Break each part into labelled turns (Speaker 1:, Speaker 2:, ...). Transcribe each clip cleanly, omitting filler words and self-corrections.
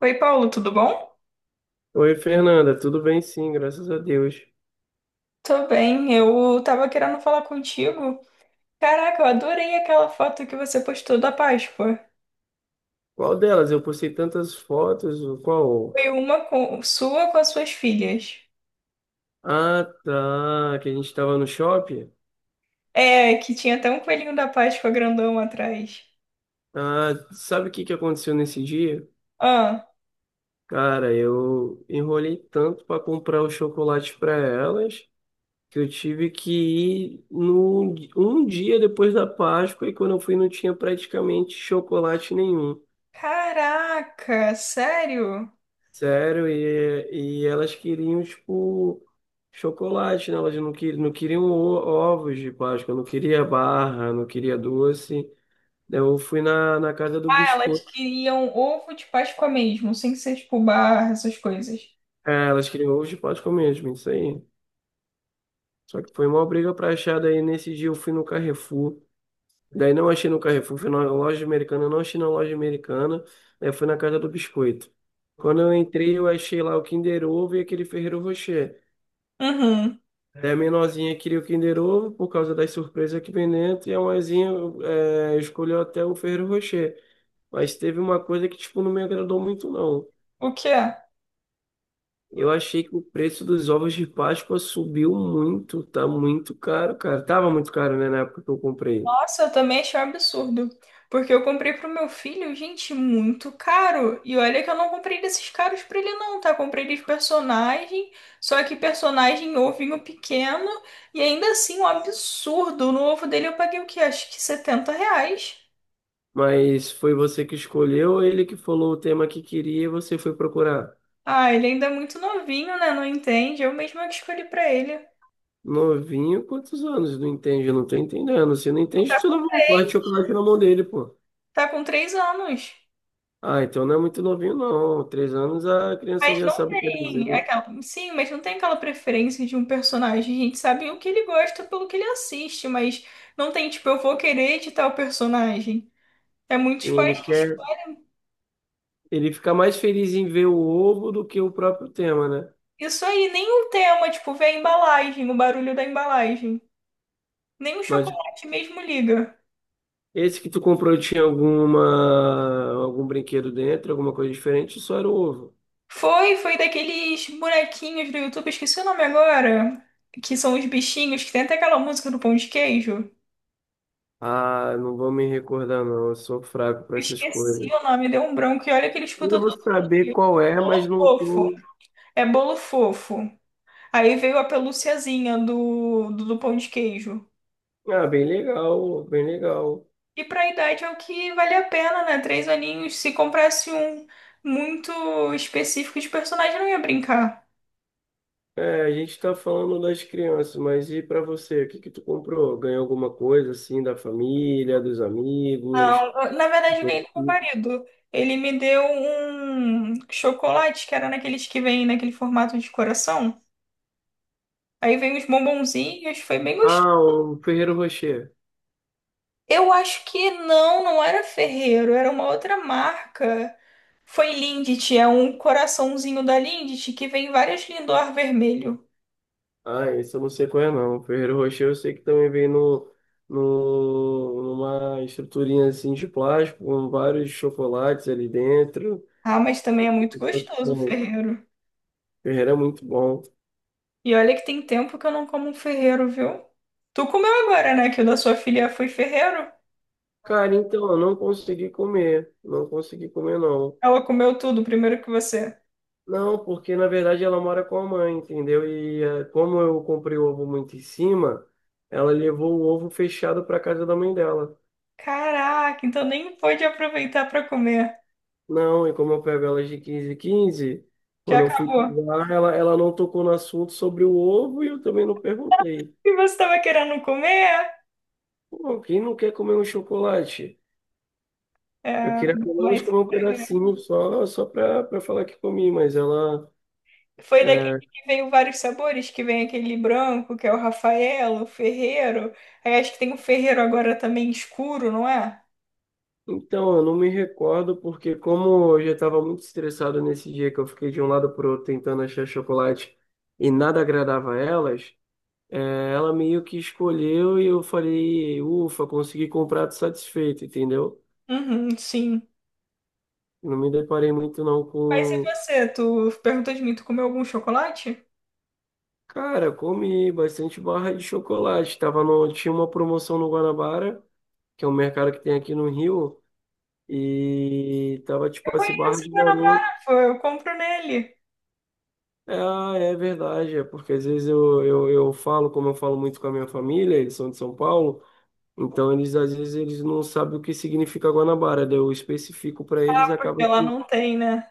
Speaker 1: Oi, Paulo, tudo bom?
Speaker 2: Oi, Fernanda, tudo bem? Sim, graças a Deus.
Speaker 1: Tô bem, eu tava querendo falar contigo. Caraca, eu adorei aquela foto que você postou da Páscoa.
Speaker 2: Qual delas? Eu postei tantas fotos, o qual?
Speaker 1: Foi sua com as suas filhas.
Speaker 2: Ah, tá, que a gente estava no shopping.
Speaker 1: É, que tinha até um coelhinho da Páscoa grandão atrás.
Speaker 2: Ah, sabe o que que aconteceu nesse dia?
Speaker 1: Ah,
Speaker 2: Cara, eu enrolei tanto para comprar os chocolates para elas que eu tive que ir no, um dia depois da Páscoa e quando eu fui não tinha praticamente chocolate nenhum.
Speaker 1: caraca, sério?
Speaker 2: Sério, e elas queriam, tipo, chocolate, né? Elas não, que, não queriam ovos de Páscoa, não queria barra, não queria doce. Eu fui na casa do
Speaker 1: Ah, elas
Speaker 2: biscoito.
Speaker 1: queriam ovo de Páscoa mesmo, sem ser tipo barra, essas coisas.
Speaker 2: É, elas queriam ovos de Páscoa mesmo, isso aí. Só que foi uma briga pra achar, daí nesse dia eu fui no Carrefour. Daí não achei no Carrefour, fui na loja americana, não achei na loja americana. Aí fui na casa do biscoito. Quando eu entrei, eu achei lá o Kinder Ovo e aquele Ferrero Rocher.
Speaker 1: Uhum.
Speaker 2: Daí a menorzinha queria o Kinder Ovo por causa das surpresas que vem dentro, e a maisinha escolheu até o Ferrero Rocher. Mas teve uma coisa que, tipo, não me agradou muito, não.
Speaker 1: O que é?
Speaker 2: Eu achei que o preço dos ovos de Páscoa subiu muito, tá muito caro, cara. Tava muito caro, né, na época que eu comprei.
Speaker 1: Nossa, eu também achei um absurdo. Porque eu comprei pro meu filho, gente, muito caro. E olha que eu não comprei desses caros pra ele, não, tá? Comprei de personagem, só que personagem ovinho pequeno. E ainda assim, um absurdo. No ovo dele eu paguei o quê? Acho que 70 reais.
Speaker 2: Mas foi você que escolheu, ele que falou o tema que queria e você foi procurar.
Speaker 1: Ah, ele ainda é muito novinho, né? Não entende. Eu mesma que escolhi pra ele.
Speaker 2: Novinho, quantos anos? Não entende, eu não tô entendendo. Se não entende, tu dá uma parte de chocolate na mão dele, pô.
Speaker 1: Tá com 3 anos.
Speaker 2: Ah, então não é muito novinho, não. 3 anos a criança
Speaker 1: Mas
Speaker 2: já
Speaker 1: não
Speaker 2: sabe o que é
Speaker 1: tem
Speaker 2: desenho.
Speaker 1: aquela. Sim, mas não tem aquela preferência de um personagem. A gente sabe o que ele gosta pelo que ele assiste, mas não tem, tipo, eu vou querer de tal personagem. É
Speaker 2: E
Speaker 1: muitos
Speaker 2: Ele
Speaker 1: pais que
Speaker 2: quer,
Speaker 1: escolhem.
Speaker 2: ele fica mais feliz em ver o ovo do que o próprio tema, né?
Speaker 1: Isso aí, nem o tema, tipo, vê a embalagem, o barulho da embalagem. Nem o
Speaker 2: Mas
Speaker 1: chocolate mesmo liga.
Speaker 2: esse que tu comprou tinha alguma, algum brinquedo dentro, alguma coisa diferente, só era o ovo.
Speaker 1: Foi daqueles bonequinhos do YouTube, esqueci o nome agora, que são os bichinhos, que tem até aquela música do pão de queijo.
Speaker 2: Ah, não vou me recordar, não. Eu sou fraco para essas
Speaker 1: Esqueci
Speaker 2: coisas.
Speaker 1: o nome, deu um branco, e olha que ele
Speaker 2: Eu
Speaker 1: escuta
Speaker 2: vou
Speaker 1: todo
Speaker 2: saber
Speaker 1: dia.
Speaker 2: qual é, mas não
Speaker 1: Fofo.
Speaker 2: tem.
Speaker 1: É bolo fofo. Aí veio a pelúciazinha do pão de queijo.
Speaker 2: Ah, bem legal, bem legal.
Speaker 1: E pra idade é o que vale a pena, né? 3 aninhos. Se comprasse um muito específico de personagem, eu não ia brincar.
Speaker 2: É, a gente tá falando das crianças, mas e para você? O que que tu comprou? Ganhou alguma coisa assim da família, dos
Speaker 1: Não,
Speaker 2: amigos?
Speaker 1: na verdade, eu ganhei do meu marido. Ele me deu um chocolate, que era naqueles que vem naquele formato de coração. Aí veio uns bombonzinhos, foi bem.
Speaker 2: Ah, o Ferreiro Rocher.
Speaker 1: Eu acho que não, não era Ferreiro, era uma outra marca. Foi Lindt, é um coraçãozinho da Lindt que vem várias Lindor vermelho.
Speaker 2: Ah, esse eu não sei qual é não. O Ferreiro Rocher eu sei que também vem no, no, numa estruturinha assim de plástico, com vários chocolates ali dentro.
Speaker 1: Ah, mas também é muito
Speaker 2: Então,
Speaker 1: gostoso o
Speaker 2: bom, o
Speaker 1: Ferreiro.
Speaker 2: Ferreiro é muito bom.
Speaker 1: E olha que tem tempo que eu não como um Ferreiro, viu? Tu comeu agora, né? Que o da sua filha foi Ferreiro?
Speaker 2: Cara, então, eu não consegui comer. Não consegui comer, não.
Speaker 1: Ela comeu tudo primeiro que você.
Speaker 2: Não, porque na verdade ela mora com a mãe, entendeu? E como eu comprei o ovo muito em cima, ela levou o ovo fechado para casa da mãe dela.
Speaker 1: Caraca, então nem pôde aproveitar pra comer.
Speaker 2: Não, e como eu pego elas de 15 em 15,
Speaker 1: Já
Speaker 2: quando eu fui
Speaker 1: acabou.
Speaker 2: lá, ela não tocou no assunto sobre o ovo e eu também não perguntei.
Speaker 1: E você tava querendo comer?
Speaker 2: Pô, quem não quer comer um chocolate? Eu
Speaker 1: É,
Speaker 2: queria pelo menos
Speaker 1: mas.
Speaker 2: comer um pedacinho só, só para falar que comi, mas
Speaker 1: Foi daquele
Speaker 2: eh,
Speaker 1: que veio vários sabores, que vem aquele branco, que é o Rafaelo, o Ferreiro. Aí acho que tem o Ferreiro agora também escuro, não é?
Speaker 2: então, eu não me recordo porque como eu já estava muito estressado nesse dia que eu fiquei de um lado pro outro tentando achar chocolate e nada agradava a elas, ela meio que escolheu e eu falei, ufa, consegui comprar tô satisfeito, entendeu?
Speaker 1: Uhum, sim.
Speaker 2: Não me deparei muito não
Speaker 1: Mas e
Speaker 2: com...
Speaker 1: você? Tu perguntou de mim, tu comeu algum chocolate?
Speaker 2: Cara, comi bastante barra de chocolate. Tava no... Tinha uma promoção no Guanabara, que é um mercado que tem aqui no Rio, e tava tipo
Speaker 1: Eu
Speaker 2: assim, barra
Speaker 1: conheço
Speaker 2: de
Speaker 1: meu
Speaker 2: garoto.
Speaker 1: namorado, pô, eu compro nele.
Speaker 2: Ah, é verdade, é porque às vezes eu falo, como eu falo muito com a minha família, eles são de São Paulo, então eles às vezes eles não sabem o que significa Guanabara, daí eu especifico para eles e acaba
Speaker 1: Porque lá
Speaker 2: que,
Speaker 1: não tem, né?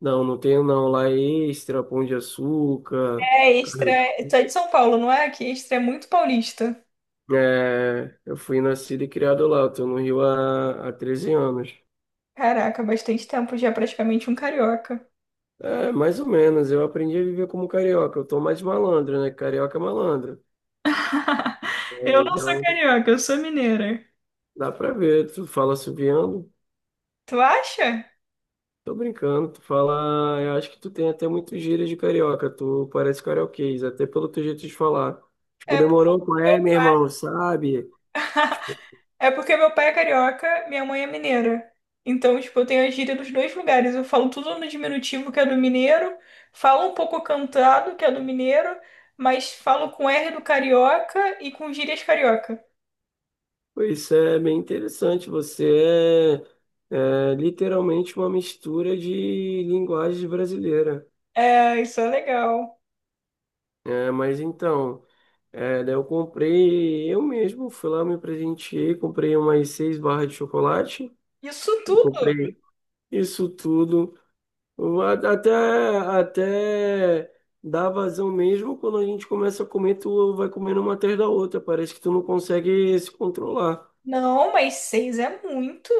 Speaker 2: não, não tenho não, lá é Extra, Pão de Açúcar,
Speaker 1: É, Extra. Tu é de São Paulo, não é? Que Extra é muito paulista.
Speaker 2: é, eu fui nascido e criado lá, eu tô no Rio há 13 anos.
Speaker 1: Caraca, bastante tempo já, praticamente um carioca.
Speaker 2: É, mais ou menos, eu aprendi a viver como carioca, eu tô mais malandro, né, carioca é malandro, é,
Speaker 1: Eu não sou
Speaker 2: então
Speaker 1: carioca, eu sou mineira.
Speaker 2: dá pra ver, tu fala assoviando.
Speaker 1: Tu acha?
Speaker 2: Tô brincando, tu fala. Eu acho que tu tem até muitos gírias de carioca, tu parece carioquês, até pelo teu jeito de falar. Tipo,
Speaker 1: É.
Speaker 2: demorou com é, meu irmão, sabe?
Speaker 1: Porque meu pai é carioca, minha mãe é mineira. Então, tipo, eu tenho a gíria dos dois lugares. Eu falo tudo no diminutivo, que é do mineiro, falo um pouco cantado, que é do mineiro, mas falo com R do carioca e com gírias carioca.
Speaker 2: Pois é bem interessante. Você é literalmente uma mistura de linguagem brasileira.
Speaker 1: É, isso é legal.
Speaker 2: É, mas então, daí eu comprei, eu mesmo fui lá, me presenteei, comprei umas seis barras de chocolate,
Speaker 1: Isso
Speaker 2: eu
Speaker 1: tudo?
Speaker 2: comprei isso tudo. Eu a- Até, até dá vazão mesmo, quando a gente começa a comer, tu vai comendo uma atrás da outra. Parece que tu não consegue se controlar.
Speaker 1: Não, mas seis é muito.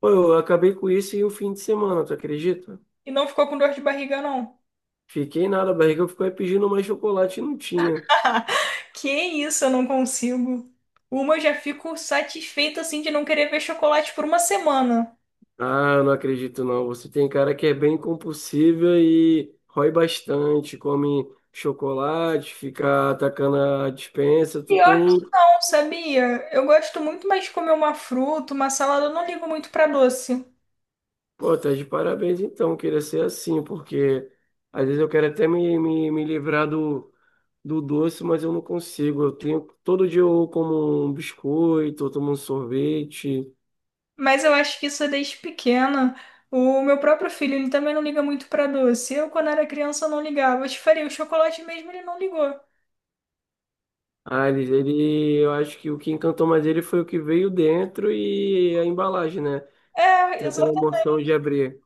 Speaker 2: Pô, eu acabei com isso em um fim de semana, tu acredita?
Speaker 1: E não ficou com dor de barriga, não.
Speaker 2: Fiquei nada, a barriga ficou aí pedindo mais chocolate e não tinha.
Speaker 1: Que isso, eu não consigo. Uma eu já fico satisfeita, assim, de não querer ver chocolate por uma semana.
Speaker 2: Ah, eu não acredito não. Você tem cara que é bem compulsiva e rói bastante, come chocolate, fica atacando a dispensa. Tu
Speaker 1: Pior.
Speaker 2: tem.
Speaker 1: Não sabia? Eu gosto muito mais de comer uma fruta, uma salada. Eu não ligo muito pra doce.
Speaker 2: Pô, tá de parabéns então, queria ser assim, porque às vezes eu quero até me livrar do doce, mas eu não consigo. Eu tenho, todo dia eu como um biscoito, eu tomo um sorvete.
Speaker 1: Mas eu acho que isso é desde pequena. O meu próprio filho, ele também não liga muito pra doce. Eu, quando era criança, não ligava. Eu te faria o chocolate mesmo, ele não ligou.
Speaker 2: Ah, eu acho que o que encantou mais ele foi o que veio dentro e a embalagem, né?
Speaker 1: É,
Speaker 2: Tem aquela
Speaker 1: exata-
Speaker 2: emoção de abrir.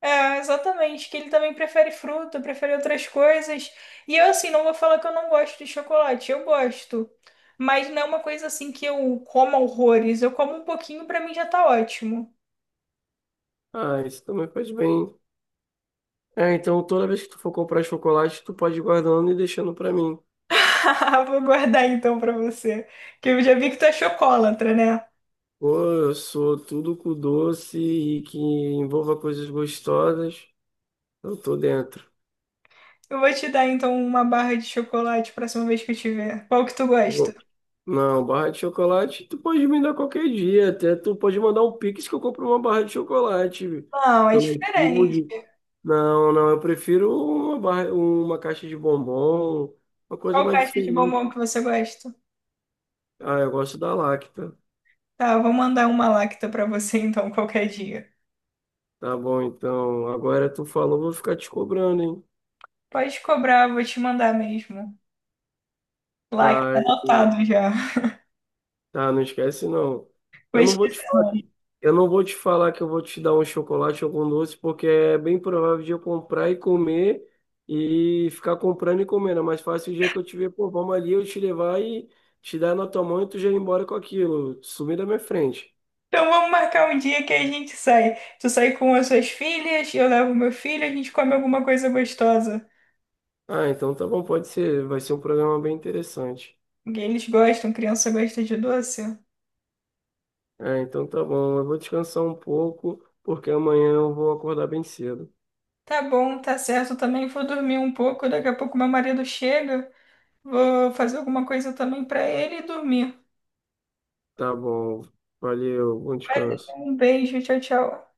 Speaker 1: É, exatamente. Que ele também prefere fruta, prefere outras coisas. E eu, assim, não vou falar que eu não gosto de chocolate. Eu gosto. Mas não é uma coisa assim que eu como horrores. Eu como um pouquinho, pra mim já tá ótimo.
Speaker 2: Ah, isso também faz bem. É, então toda vez que tu for comprar chocolate, tu pode ir guardando e deixando pra mim.
Speaker 1: Vou guardar então pra você, que eu já vi que tu é chocolatra, né?
Speaker 2: Pô, eu sou tudo com doce e que envolva coisas gostosas. Eu tô dentro.
Speaker 1: Eu vou te dar então uma barra de chocolate próxima vez que eu te ver. Qual que tu gosta?
Speaker 2: Pô, não, barra de chocolate, tu pode me dar qualquer dia. Até tu pode mandar um Pix que eu compro uma barra de chocolate
Speaker 1: Não, é
Speaker 2: pelo
Speaker 1: diferente.
Speaker 2: iFood. Não, não, eu prefiro uma barra, uma caixa de bombom, uma coisa
Speaker 1: Qual
Speaker 2: mais
Speaker 1: caixa de bombom
Speaker 2: diferente.
Speaker 1: que você gosta?
Speaker 2: Ah, eu gosto da Lacta.
Speaker 1: Tá, eu vou mandar uma lacta pra você então qualquer dia.
Speaker 2: Tá bom, então. Agora tu falou, vou ficar te cobrando, hein?
Speaker 1: Pode cobrar, vou te mandar mesmo. Lacta
Speaker 2: Tá,
Speaker 1: anotado já.
Speaker 2: ah, não esquece não. Eu não
Speaker 1: Mas,
Speaker 2: vou te falar, que- eu não vou te falar que eu vou te dar um chocolate ou algum doce, porque é bem provável de eu comprar e comer e ficar comprando e comendo. É mais fácil o dia que eu te ver, pô, vamos ali, eu te levar e te dar na tua mão e tu já ir embora com aquilo, sumir da minha frente.
Speaker 1: então vamos marcar um dia que a gente sai. Tu sai com as suas filhas, eu levo meu filho, a gente come alguma coisa gostosa.
Speaker 2: Ah, então tá bom, pode ser, vai ser um programa bem interessante.
Speaker 1: Porque eles gostam, criança gosta de doce.
Speaker 2: Ah, então tá bom, eu vou descansar um pouco, porque amanhã eu vou acordar bem cedo.
Speaker 1: Tá bom, tá certo. Também vou dormir um pouco. Daqui a pouco meu marido chega. Vou fazer alguma coisa também pra ele e dormir.
Speaker 2: Tá bom, valeu, bom descanso.
Speaker 1: Um beijo, tchau, tchau.